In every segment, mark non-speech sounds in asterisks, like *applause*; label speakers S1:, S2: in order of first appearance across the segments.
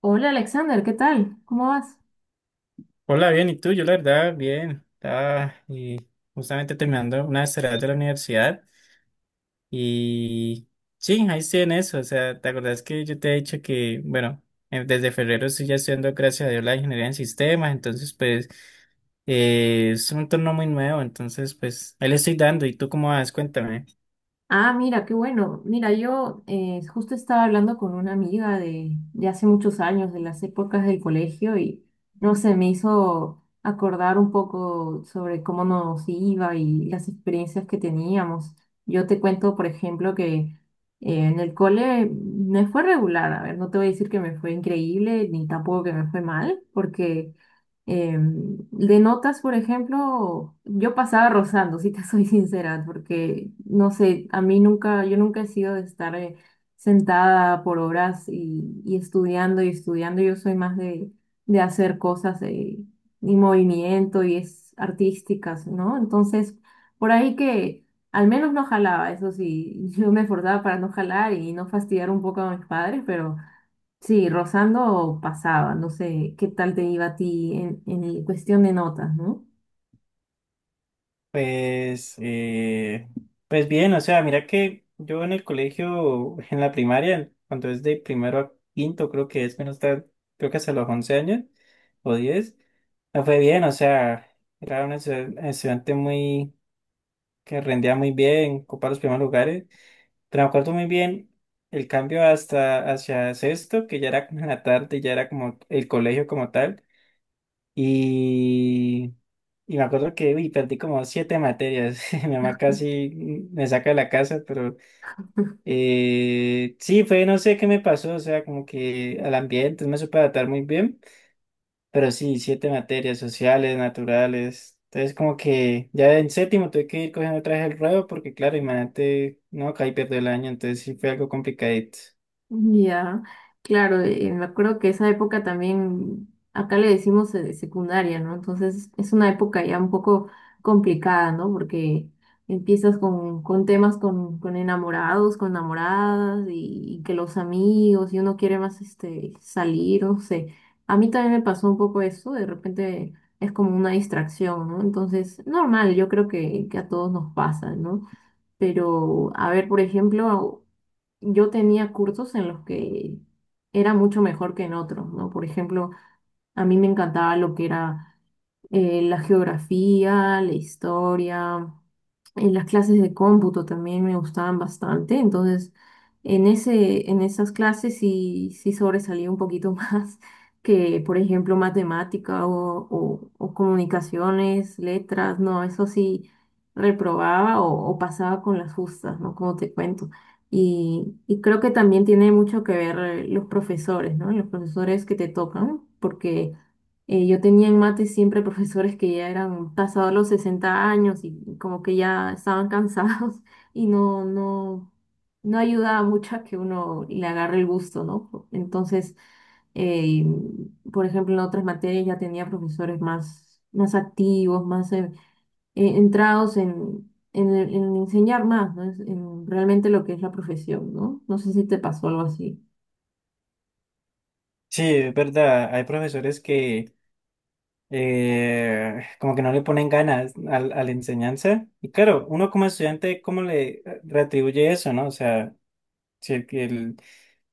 S1: Hola Alexander, ¿qué tal? ¿Cómo vas?
S2: Hola, bien, ¿y tú? Yo la verdad, bien. Estaba justamente terminando una tarea de la universidad y sí, ahí estoy en eso. O sea, ¿te acordás que yo te he dicho que, bueno, desde febrero estoy ya estudiando, gracias a Dios, la ingeniería en sistemas, entonces pues es un entorno muy nuevo, entonces pues ahí le estoy dando. ¿Y tú cómo vas? Cuéntame.
S1: Ah, mira, qué bueno. Mira, yo justo estaba hablando con una amiga de hace muchos años, de las épocas del colegio, y no sé, me hizo acordar un poco sobre cómo nos iba y las experiencias que teníamos. Yo te cuento, por ejemplo, que en el cole me fue regular. A ver, no te voy a decir que me fue increíble, ni tampoco que me fue mal, porque de notas, por ejemplo, yo pasaba rozando, si te *laughs* soy sincera, porque no sé, a mí nunca, yo nunca he sido de estar sentada por horas y estudiando y estudiando. Yo soy más de hacer cosas y movimiento y es artísticas, ¿no? Entonces, por ahí que al menos no jalaba, eso sí, *laughs* yo me esforzaba para no jalar y no fastidiar un poco a mis padres, pero. Sí, rozando pasaba, no sé qué tal te iba a ti en el- cuestión de notas, ¿no?
S2: Pues, pues bien, o sea, mira que yo en el colegio, en la primaria, cuando es de primero a quinto, creo que es menos tal, creo que hasta los 11 años o 10, me fue bien, o sea, era un estudiante muy, que rendía muy bien, ocupaba los primeros lugares, pero me acuerdo muy bien el cambio hasta hacia sexto, que ya era como en la tarde, ya era como el colegio como tal, y me acuerdo que, uy, perdí como siete materias. *laughs* Mi mamá casi me saca de la casa, pero sí, fue, no sé qué me pasó, o sea, como que al ambiente no me supe adaptar muy bien, pero sí, siete materias sociales, naturales. Entonces, como que ya en séptimo tuve que ir cogiendo otra vez el ruedo, porque claro, imagínate, no, caí pierdo el año, entonces sí fue algo complicadito.
S1: Ya, claro, me acuerdo que esa época también, acá le decimos secundaria, ¿no? Entonces es una época ya un poco complicada, ¿no? Porque empiezas con temas con enamorados, con enamoradas y que los amigos y uno quiere más este, salir, no sé. A mí también me pasó un poco eso, de repente es como una distracción, ¿no? Entonces, normal, yo creo que a todos nos pasa, ¿no? Pero, a ver, por ejemplo yo tenía cursos en los que era mucho mejor que en otros, ¿no? Por ejemplo, a mí me encantaba lo que era la geografía, la historia, en las clases de cómputo también me gustaban bastante, entonces en en esas clases sí, sí sobresalía un poquito *laughs* más que, por ejemplo, matemática o comunicaciones, letras, no, eso sí reprobaba o pasaba con las justas, ¿no? Como te cuento. Y creo que también tiene mucho que ver los profesores, ¿no? Los profesores que te tocan, porque yo tenía en mate siempre profesores que ya eran pasados los 60 y como que ya estaban cansados *laughs* y no ayudaba mucho a que uno le agarre el gusto, ¿no? Entonces, eh, por ejemplo, en otras materias ya tenía profesores más activos, más entrados en en enseñar más, ¿no? Es- En realmente lo que es la profesión, ¿no? No sé si te pasó algo así.
S2: Sí, es verdad, hay profesores que como que no le ponen ganas a la enseñanza. Y claro, uno como estudiante, ¿cómo le retribuye eso, no? O sea, si el, que el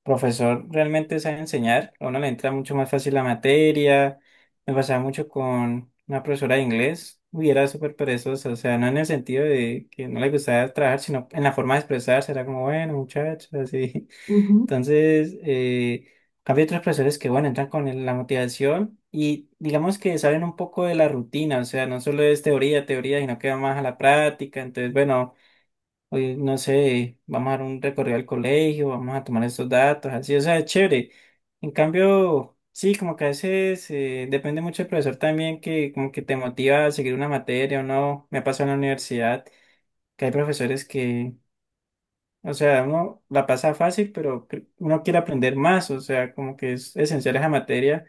S2: profesor realmente sabe enseñar, a uno le entra mucho más fácil la materia. Me pasaba mucho con una profesora de inglés, uy, era súper perezosa, o sea, no en el sentido de que no le gustaba trabajar, sino en la forma de expresarse, era como, bueno, muchachos, así. Entonces, cambio otros profesores que, bueno, entran con la motivación y digamos que saben un poco de la rutina, o sea, no solo es teoría, teoría, sino que va más a la práctica. Entonces, bueno, hoy no sé, vamos a dar un recorrido al colegio, vamos a tomar estos datos, así, o sea, es chévere. En cambio, sí, como que a veces depende mucho del profesor también que como que te motiva a seguir una materia o no. Me pasó en la universidad que hay profesores que o sea, uno la pasa fácil, pero uno quiere aprender más, o sea, como que es esencial esa materia,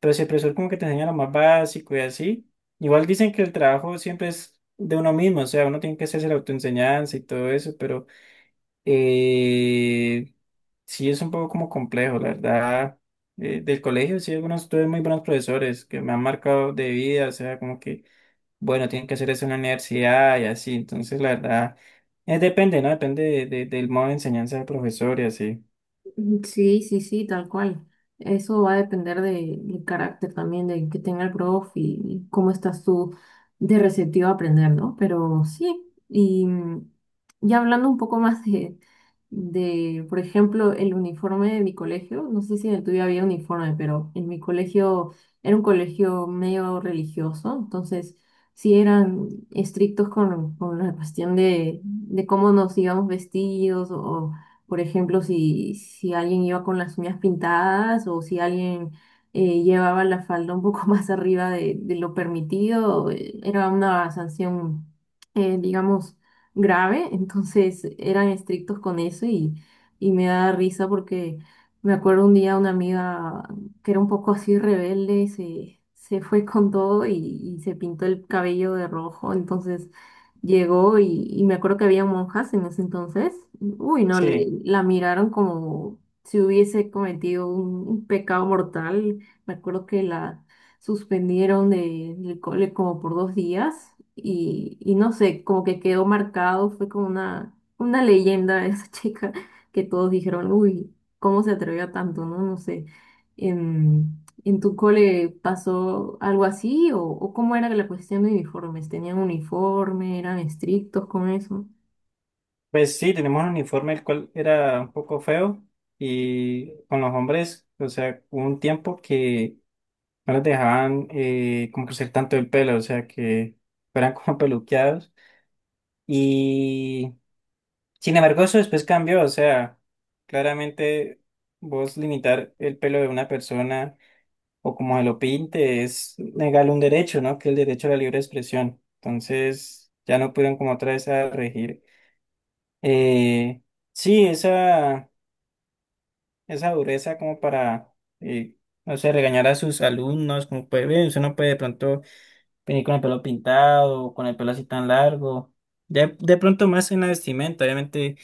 S2: pero si el profesor como que te enseña lo más básico y así, igual dicen que el trabajo siempre es de uno mismo, o sea, uno tiene que hacerse la autoenseñanza y todo eso, pero eh, sí es un poco como complejo, la verdad. Del colegio sí, algunos tuve muy buenos profesores que me han marcado de vida, o sea, como que bueno, tienen que hacer eso en la universidad y así. Entonces, la verdad, depende, ¿no? Depende del modo de enseñanza del profesor y así.
S1: Sí, sí, sí, tal cual. Eso va a depender de- del carácter también de que tenga el prof y cómo estás tú de receptivo a aprender, ¿no? Pero sí, ya hablando un poco más de por ejemplo, el uniforme de mi colegio, no sé si en el tuyo había uniforme, pero en mi colegio era un colegio medio religioso, entonces sí eran estrictos con la cuestión de cómo nos íbamos vestidos o por ejemplo, si alguien iba con las uñas pintadas o si alguien llevaba la falda un poco *laughs* más arriba de lo permitido, era una sanción, digamos, grave. Entonces eran estrictos con eso y me da risa porque me acuerdo un día una amiga que era un poco así rebelde, se fue con todo y se pintó el cabello de rojo. Entonces llegó y me acuerdo que había monjas en ese entonces. Uy, no, le,
S2: Sí,
S1: la miraron como si hubiese cometido un pecado mortal. Me acuerdo que la suspendieron de- del cole como por 2 y no sé, como que quedó marcado, fue como una leyenda esa *laughs* chica que todos dijeron, uy, ¿cómo se atrevió a tanto? No, no sé. En tu cole pasó algo así o cómo era la cuestión de uniformes? ¿Tenían uniforme? ¿Eran estrictos con eso?
S2: pues sí, tenemos un uniforme el cual era un poco feo y con los hombres, o sea, hubo un tiempo que no les dejaban como crecer tanto el pelo, o sea, que eran *laughs* como peluqueados. Y sin embargo, eso después cambió, o sea, claramente vos limitar el pelo de una persona. O como se lo pinte, es negarle un derecho, ¿no? Que es el derecho a la libre expresión. Entonces, ya no pudieron como otra vez a regir. Eh, sí, esa dureza como para, eh, no sé, regañar a sus alumnos, como puede ver, usted no puede de pronto venir con el pelo pintado, o con el pelo así tan largo. De pronto más en la vestimenta, obviamente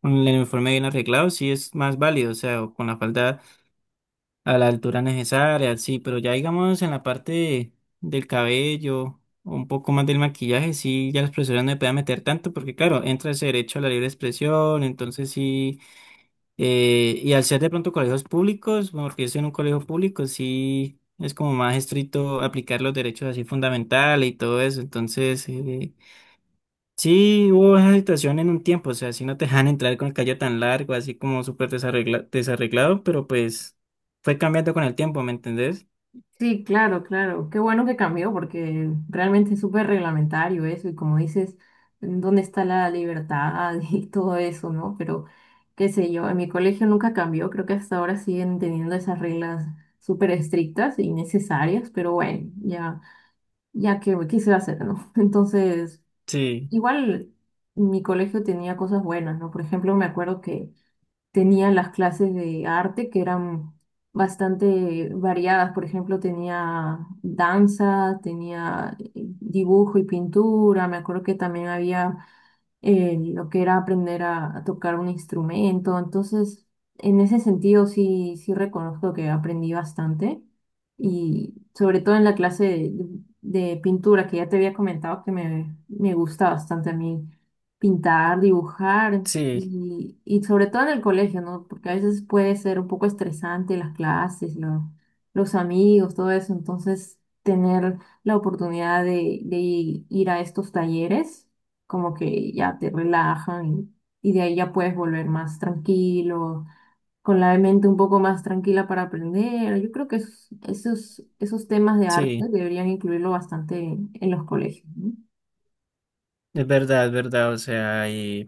S2: con el uniforme bien arreglado, sí es más válido, o sea, o con la falda a la altura necesaria, sí, pero ya digamos en la parte del cabello, o un poco más del maquillaje, sí, ya la expresiones no me pueden meter tanto, porque claro, entra ese derecho a la libre expresión, entonces sí, y al ser de pronto colegios públicos, bueno, porque yo estoy en un colegio público, sí, es como más estricto aplicar los derechos así fundamentales y todo eso, entonces... sí, hubo esa situación en un tiempo, o sea, si no te dejan entrar con el cabello tan largo, así como súper desarreglado, pero pues fue cambiando con el tiempo, ¿me entendés?
S1: Sí, claro, claro. Qué bueno que cambió porque realmente es súper reglamentario eso y como dices, ¿dónde está la libertad *laughs* y todo eso, no? Pero qué sé yo, en mi colegio nunca cambió, creo que hasta ahora siguen teniendo esas reglas súper estrictas y necesarias, pero bueno, ya, ya que qué se va a hacer, ¿no? *laughs* Entonces,
S2: Sí,
S1: igual mi colegio tenía cosas buenas, ¿no? Por ejemplo, me acuerdo que tenía las clases de arte que eran bastante variadas. Por ejemplo, tenía danza, tenía dibujo y pintura. Me acuerdo que también había lo que era aprender a tocar un instrumento. Entonces, en ese sentido sí, sí reconozco que aprendí bastante y sobre todo en la clase de pintura que ya te había comentado que me gusta bastante a mí pintar, dibujar
S2: sí,
S1: y sobre todo en el colegio, ¿no? Porque a veces puede ser un poco estresante las clases, lo- los amigos, todo eso. Entonces, tener la oportunidad de ir a estos talleres como que ya te relajan y de ahí ya puedes volver más tranquilo, con la mente un poco más tranquila para aprender. Yo creo que es- esos temas de arte
S2: sí,
S1: deberían incluirlo bastante en los colegios, ¿no?
S2: es verdad, o sea,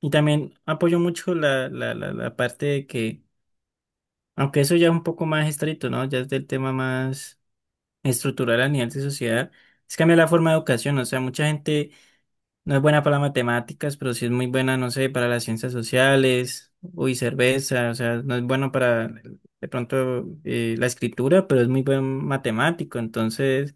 S2: y también apoyo mucho la parte de que, aunque eso ya es un poco más estricto, ¿no? Ya es del tema más estructural a nivel de sociedad, es cambiar la forma de educación, o sea, mucha gente no es buena para las matemáticas, pero sí es muy buena, no sé, para las ciencias sociales, uy, cerveza, o sea, no es bueno para de pronto la escritura, pero es muy buen matemático, entonces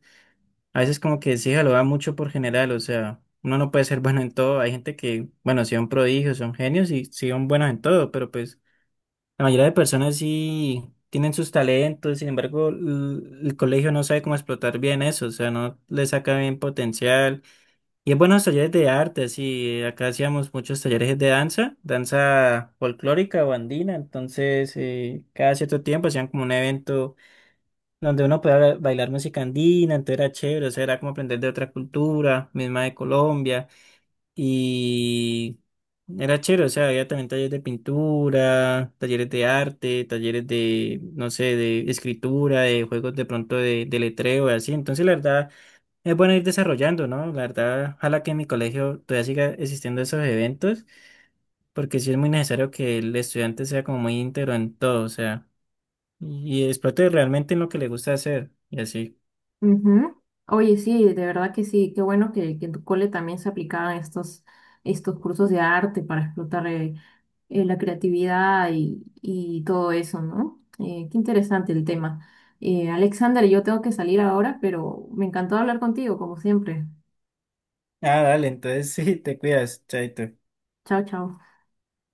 S2: a veces como que sí, lo da mucho por general, o sea, uno no puede ser *laughs* bueno en todo, hay gente que, bueno, sí son prodigios, son genios y sí son buenos en todo, pero pues la mayoría de personas sí tienen sus talentos, sin embargo, el colegio no sabe cómo explotar bien eso, o sea, no le saca bien potencial. Y es buenos talleres de arte, sí, acá hacíamos muchos talleres de danza, danza folclórica o andina, entonces cada cierto tiempo hacían como un evento donde uno podía bailar música andina, entonces era chévere, o sea, era como aprender de otra cultura, misma de Colombia, y era chévere, o sea, había también talleres de pintura, talleres de arte, talleres de, no sé, de escritura, de juegos de pronto de letreo y así, entonces la verdad... Es bueno ir desarrollando, ¿no? La verdad, ojalá que en mi colegio todavía siga existiendo esos eventos, porque sí es muy necesario que el estudiante sea como muy íntegro en todo, o sea, y explote realmente en lo que le gusta hacer, y así.
S1: Ujú. Oye, sí, de verdad que sí, qué bueno que en tu cole también se aplicaban estos cursos de arte para explotar la creatividad y todo eso, ¿no? Qué interesante el tema. Alexander, yo tengo que salir ahora, pero me encantó hablar contigo, como siempre.
S2: Ah, dale, entonces *laughs* sí, te cuidas, chaito.
S1: Chao, chao.